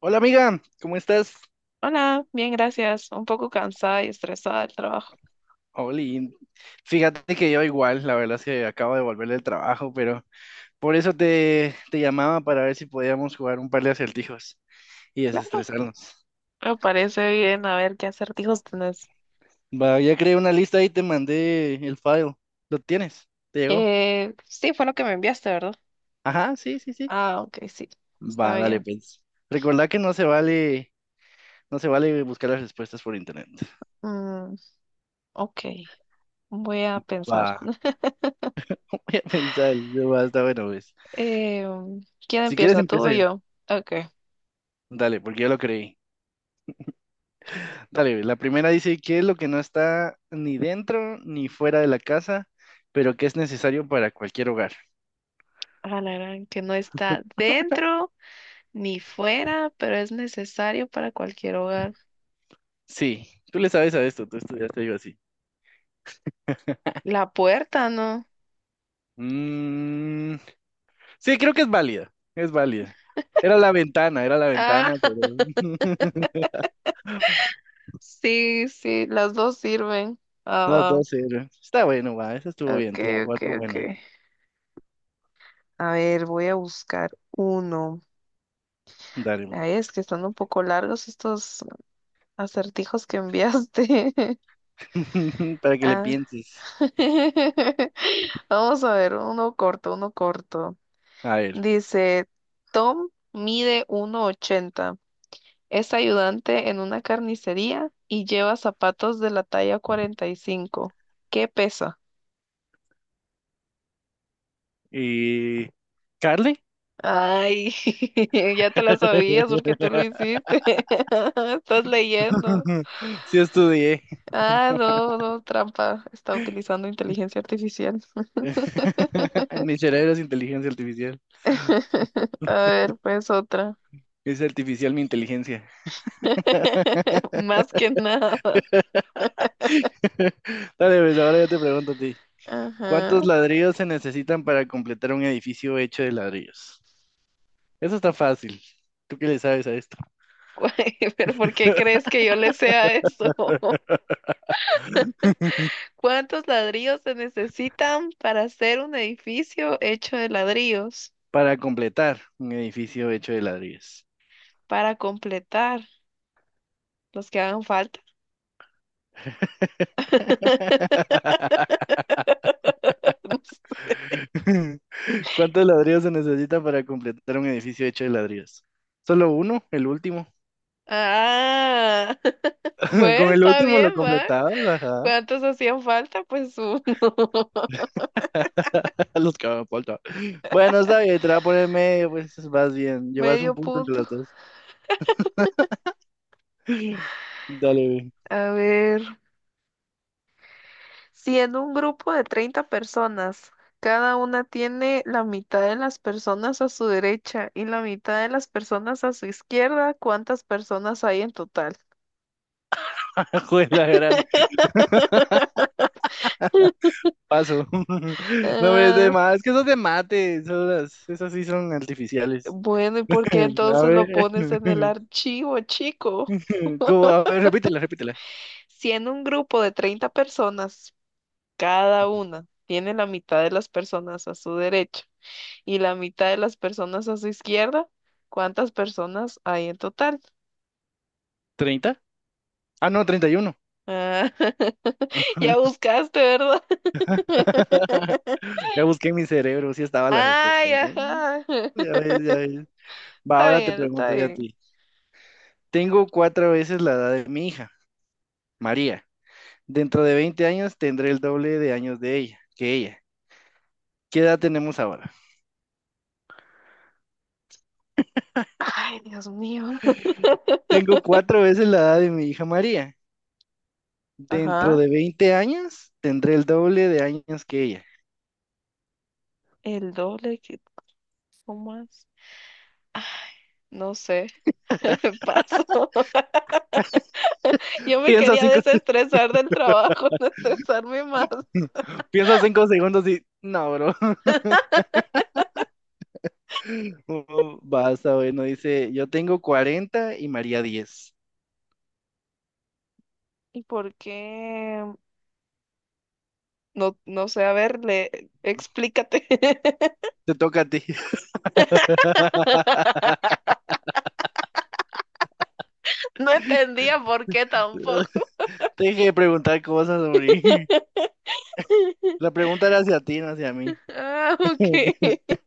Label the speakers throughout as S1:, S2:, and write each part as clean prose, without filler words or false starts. S1: Hola amiga, ¿cómo estás?
S2: Hola, bien, gracias. Un poco cansada y estresada del trabajo.
S1: Oli, fíjate que yo igual, la verdad es que acabo de volver del trabajo, pero por eso te llamaba para ver si podíamos jugar un par de acertijos y
S2: Claro,
S1: desestresarnos.
S2: me parece bien. A ver qué acertijos tenés.
S1: Va, ya creé una lista y te mandé el file. ¿Lo tienes? ¿Te llegó?
S2: Sí, fue lo que me enviaste, ¿verdad?
S1: Ajá, sí, sí, sí.
S2: Ah, ok, sí, está
S1: Va, dale
S2: bien.
S1: pues. Recordá que no se vale, no se vale buscar las respuestas por internet.
S2: Mm, ok, voy a pensar.
S1: Va, voy a pensar, va, está bueno, pues.
S2: Eh, ¿Quién
S1: Si quieres
S2: empieza, tú o
S1: empiezo yo.
S2: yo? Ok.
S1: Dale, porque yo lo creí. Dale, la primera dice, ¿qué es lo que no está ni dentro ni fuera de la casa, pero que es necesario para cualquier hogar?
S2: Ah, la gran que no está dentro ni fuera, pero es necesario para cualquier hogar.
S1: Sí, tú le sabes a esto, tú estudiaste algo así.
S2: La puerta, ¿no?
S1: Mm, sí, creo que es válida, es válida. Era la
S2: Ah,
S1: ventana, pero
S2: sí, sí, las dos sirven. Ah,
S1: no,
S2: va.
S1: dos 0. Está bueno, va, eso estuvo
S2: Ok,
S1: bien, te la voy a
S2: ok,
S1: dar como
S2: ok.
S1: buena.
S2: A ver, voy a buscar uno.
S1: Dale, güey.
S2: Ay, es que están un poco largos estos acertijos que enviaste.
S1: Para que le
S2: Ah.
S1: pienses.
S2: Vamos a ver, uno corto, uno corto.
S1: A ver,
S2: Dice, Tom mide 1,80. Es ayudante en una carnicería y lleva zapatos de la talla 45. ¿Qué pesa?
S1: y ¿Carly?
S2: Ay, ya te la sabías porque tú lo hiciste. Estás leyendo.
S1: Sí estudié.
S2: Ah, no, no, trampa. Está utilizando inteligencia artificial.
S1: Ni cerebro es inteligencia artificial.
S2: A ver, pues otra.
S1: Es artificial mi inteligencia.
S2: Más que nada.
S1: Dale, pues ahora yo te pregunto a ti.
S2: Ajá.
S1: ¿Cuántos ladrillos se necesitan para completar un edificio hecho de ladrillos? Eso está fácil. ¿Tú qué le sabes a esto?
S2: Güey, pero ¿por qué crees que yo le sea eso? ¿Cuántos ladrillos se necesitan para hacer un edificio hecho de ladrillos?
S1: Para completar un edificio hecho de ladrillos.
S2: Para completar los que hagan falta.
S1: ¿Cuántos ladrillos se necesitan para completar un edificio hecho de ladrillos? ¿Solo uno? ¿El último?
S2: Ah, bueno,
S1: Con el
S2: está
S1: último lo
S2: bien, Mac.
S1: completabas, ajá.
S2: ¿Cuántos hacían falta? Pues uno.
S1: Los que me faltan. Bueno, está bien, te la voy a poner medio, pues vas bien. Llevas
S2: Medio
S1: un punto entre
S2: punto.
S1: las dos. Dale, güey.
S2: A ver, si en un grupo de 30 personas, cada una tiene la mitad de las personas a su derecha y la mitad de las personas a su izquierda, ¿cuántas personas hay en total?
S1: Joder, la gran. Paso. No, hombre, es de
S2: Ah,
S1: más, es que esos de mate, esas sí son artificiales.
S2: bueno, ¿y por qué
S1: A
S2: entonces lo
S1: ver.
S2: pones en el archivo, chico?
S1: ¿Cómo? A ver, repítela, repítela.
S2: Si en un grupo de 30 personas, cada una tiene la mitad de las personas a su derecha y la mitad de las personas a su izquierda, ¿cuántas personas hay en total?
S1: ¿Treinta? Ah, no, treinta y uno.
S2: Ah, ya buscaste, ¿verdad?
S1: Ya busqué en mi cerebro, sí estaba la respuesta,
S2: Ay,
S1: ¿no?
S2: ajá.
S1: Ya ves, ya ves. Va,
S2: Está
S1: ahora te
S2: bien, está
S1: pregunto yo a
S2: bien.
S1: ti. Tengo cuatro veces la edad de mi hija, María. Dentro de 20 años tendré el doble de años de ella, que ella. ¿Qué edad tenemos ahora?
S2: Ay, Dios mío.
S1: Tengo cuatro veces la edad de mi hija María. Dentro
S2: Ajá.
S1: de 20 años tendré el doble de años que ella.
S2: El doble que ¿cómo es? No sé. Paso. Yo me
S1: Piensa
S2: quería
S1: cinco,
S2: desestresar del trabajo, no estresarme más.
S1: piensa cinco segundos y, no, bro. Oh, basta, bueno, dice, yo tengo 40 y María diez.
S2: ¿Y por qué? No, no sé, a ver, explícate.
S1: Te toca a ti.
S2: No entendía por qué tampoco.
S1: Deje de preguntar cosas, hombre. La pregunta era hacia ti, no hacia mí.
S2: Ah, ok.
S1: Espérate.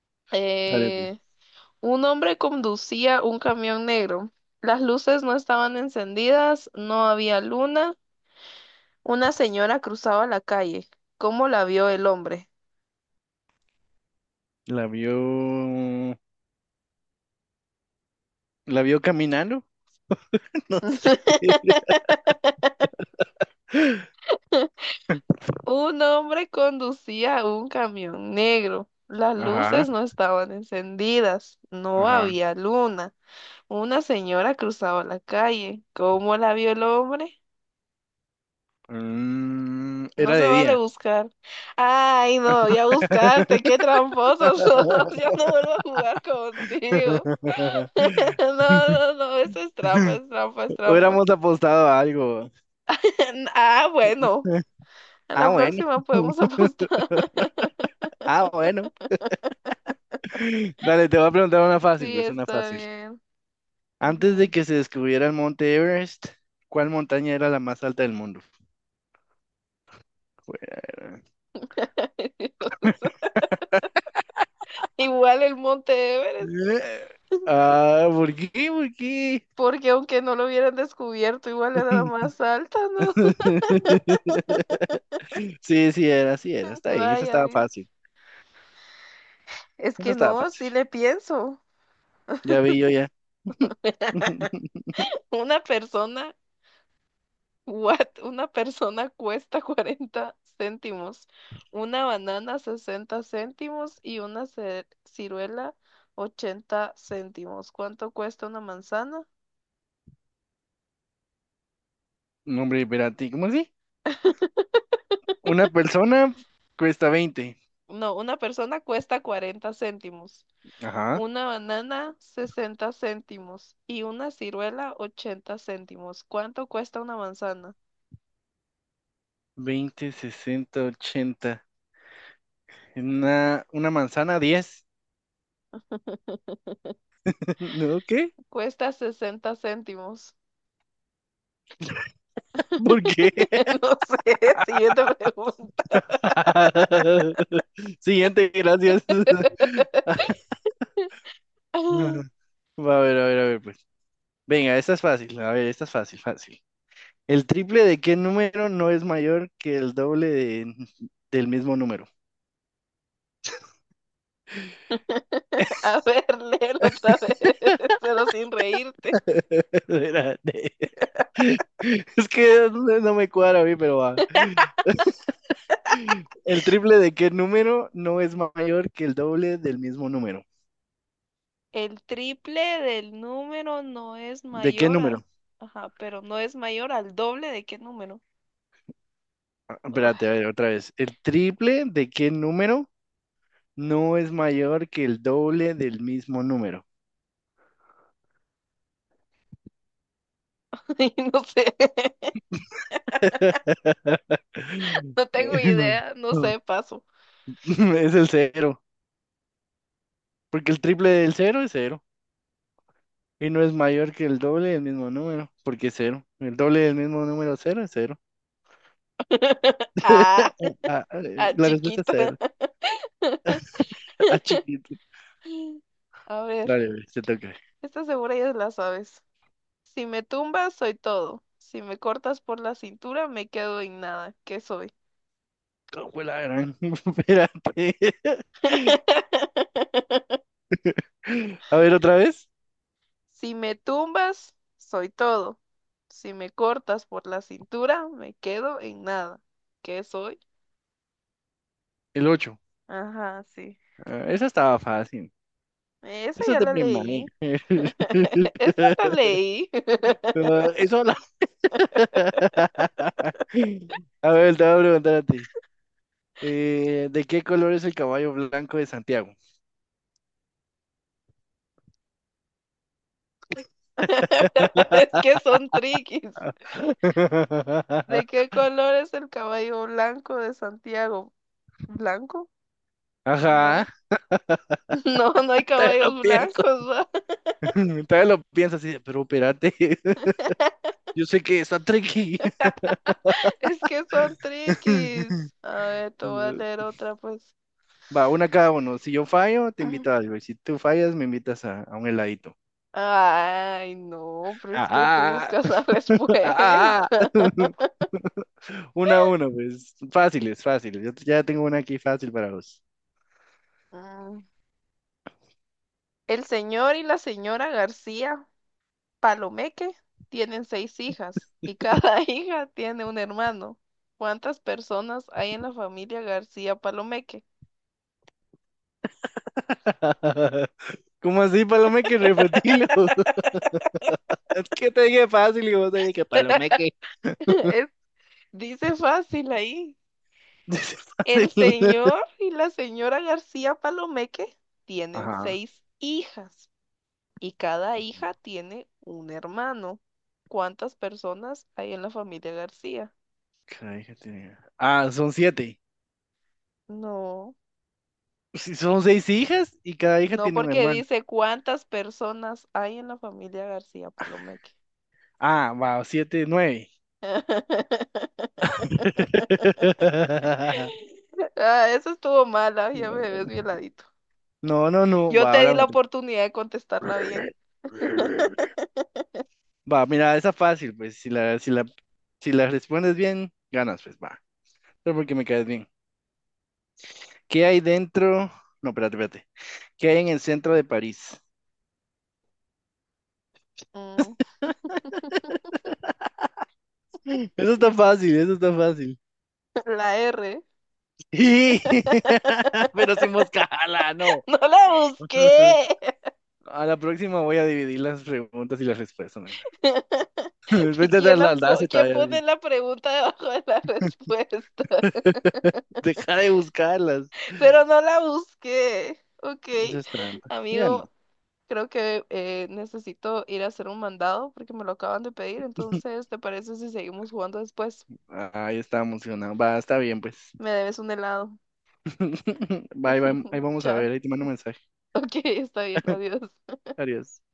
S2: Eh, Un hombre conducía un camión negro. Las luces no estaban encendidas, no había luna. Una señora cruzaba la calle. ¿Cómo la vio el hombre?
S1: La vio. La vio caminando, no sé.
S2: Un hombre conducía un camión negro. Las
S1: Ajá,
S2: luces no estaban encendidas, no
S1: ajá.
S2: había luna. Una señora cruzaba la calle. ¿Cómo la vio el hombre? No
S1: Era
S2: se
S1: de
S2: vale
S1: día.
S2: buscar. Ay, no, ya buscaste, qué tramposos sos. Ya no vuelvo a jugar contigo. No, no, no, eso es trampa, es trampa, es trampa.
S1: Hubiéramos apostado a algo.
S2: Ah, bueno, a
S1: Ah,
S2: la
S1: bueno.
S2: próxima podemos apostar.
S1: Ah, bueno. Dale, te voy a preguntar una fácil,
S2: Sí,
S1: pues una
S2: está
S1: fácil.
S2: bien.
S1: Antes de
S2: Ujú.
S1: que se descubriera el Monte Everest, ¿cuál montaña era la más alta del mundo? Fuera.
S2: Igual el Monte Everest,
S1: Eh, Ah, ¿por qué? ¿Por qué?
S2: porque aunque no lo hubieran descubierto, igual era la más alta, ¿no?
S1: Sí, sí era, sí era. Está bien, eso
S2: Vaya,
S1: estaba
S2: ¿ves?
S1: fácil.
S2: Es
S1: Eso
S2: que
S1: estaba
S2: no, sí
S1: fácil.
S2: le pienso.
S1: Ya vi yo ya.
S2: Una persona. What? Una persona cuesta 40 céntimos, una banana 60 céntimos y una ciruela 80 céntimos. ¿Cuánto cuesta una manzana?
S1: No, hombre, espérate, ¿cómo así? Una persona cuesta 20.
S2: No, una persona cuesta 40 céntimos,
S1: Ajá.
S2: una banana 60 céntimos y una ciruela 80 céntimos. ¿Cuánto cuesta una manzana?
S1: Veinte, sesenta, ochenta. Una manzana, 10. ¿No? ¿Qué?
S2: Cuesta 60 céntimos.
S1: ¿Por qué?
S2: No sé, siguiente pregunta.
S1: Siguiente, gracias. Va, a ver, a ver, a ver, pues. Venga, esta es fácil. A ver, esta es fácil, fácil. ¿El triple de qué número no es mayor que el doble del mismo número?
S2: A ver, léelo otra vez, pero sin reírte.
S1: Era de- Es que no me cuadra a mí, pero va. ¿El triple de qué número no es mayor que el doble del mismo número?
S2: El triple del número no es
S1: ¿De qué
S2: mayor a...
S1: número?
S2: Ajá, pero no es mayor al doble de qué número.
S1: Ah, espérate, a
S2: Ay,
S1: ver, otra vez. ¿El triple de qué número no es mayor que el doble del mismo número?
S2: no sé, no tengo idea, no sé, paso.
S1: Es el cero, porque el triple del cero es cero. Y no es mayor que el doble del mismo número, porque es cero. El doble del mismo número cero es cero.
S2: Ah,
S1: Ah, ah,
S2: ah,
S1: la respuesta es
S2: chiquita.
S1: cero. Ah, chiquito.
S2: A ver,
S1: Dale, güey, se toca.
S2: esta segura ya la sabes. Si me tumbas, soy todo. Si me cortas por la cintura, me quedo en nada. ¿Qué soy?
S1: ¿Cómo fue la gran? Espérate. A ver, otra vez.
S2: Si me tumbas, soy todo. Si me cortas por la cintura, me quedo en nada. ¿Qué soy?
S1: El 8.
S2: Ajá, sí.
S1: Esa estaba fácil.
S2: Esa
S1: Eso es
S2: ya
S1: de
S2: la
S1: primaria.
S2: leí. Esa la leí.
S1: Ah, eso la. A ver, te voy a preguntar a ti. ¿De qué color es el caballo blanco de Santiago?
S2: Es que son triquis. ¿De qué color es el caballo blanco de Santiago? ¿Blanco?
S1: Ajá.
S2: No. No, no hay
S1: Todavía lo
S2: caballos
S1: pienso.
S2: blancos, ¿va?
S1: Todavía lo pienso así, de, pero espérate. Yo sé que está tricky.
S2: Es que son triquis. A ver, te voy a leer otra, pues.
S1: Va, una cada uno. Si yo fallo, te invito a algo. Y si tú fallas, me invitas a un heladito.
S2: Ay, no, pero
S1: Ah,
S2: es que tú buscas
S1: ah,
S2: la respuesta.
S1: ah, ah. Una a uno, pues. Fáciles, fáciles. Yo ya tengo una aquí fácil para vos.
S2: Mm. El señor y la señora García Palomeque tienen seis hijas y cada hija tiene un hermano. ¿Cuántas personas hay en la familia García Palomeque?
S1: ¿Cómo así, Palomeque? Repetilo. Es que te dije fácil y vos te dije que Palomeque.
S2: Es- Dice fácil ahí.
S1: Dice
S2: El
S1: fácil.
S2: señor y la señora García Palomeque tienen
S1: Ajá.
S2: seis hijas y cada hija tiene un hermano. ¿Cuántas personas hay en la familia García?
S1: Cada hija tiene. Ah, son siete.
S2: No,
S1: Sí, son seis hijas y cada hija
S2: no
S1: tiene un
S2: porque
S1: hermano.
S2: dice cuántas personas hay en la familia García Palomeque.
S1: Ah, va, siete, nueve.
S2: Ah, eso estuvo mala, ya me ves violadito.
S1: No, no, no,
S2: Yo
S1: va,
S2: te di
S1: ahora
S2: la
S1: me toca.
S2: oportunidad de contestarla bien.
S1: Va, mira, esa fácil, pues si la respondes bien, ganas, pues va. Pero porque me caes bien. ¿Qué hay dentro? No, espérate, espérate. ¿Qué hay en el centro de París?
S2: Mm,
S1: Eso está fácil, eso está fácil.
S2: la R.
S1: Sí, pero sin moscala, no.
S2: No la busqué.
S1: A la próxima voy a dividir las preguntas y las respuestas, mira.
S2: Si
S1: Vete a
S2: ¿quién,
S1: dar
S2: las
S1: las las y
S2: quién
S1: todavía
S2: pone
S1: así.
S2: la pregunta debajo de la respuesta?
S1: Deja de buscarlas.
S2: Pero no la busqué. Ok,
S1: Eso es trampa. Ya
S2: amigo,
S1: no.
S2: creo que necesito ir a hacer un mandado porque me lo acaban de pedir. Entonces, ¿te parece si seguimos jugando después?
S1: Ahí está emocionado. Va, está bien, pues.
S2: Me debes un helado.
S1: Bye, bye. Ahí vamos a
S2: Chao.
S1: ver. Ahí te mando un mensaje.
S2: Ok, está bien, adiós.
S1: Adiós.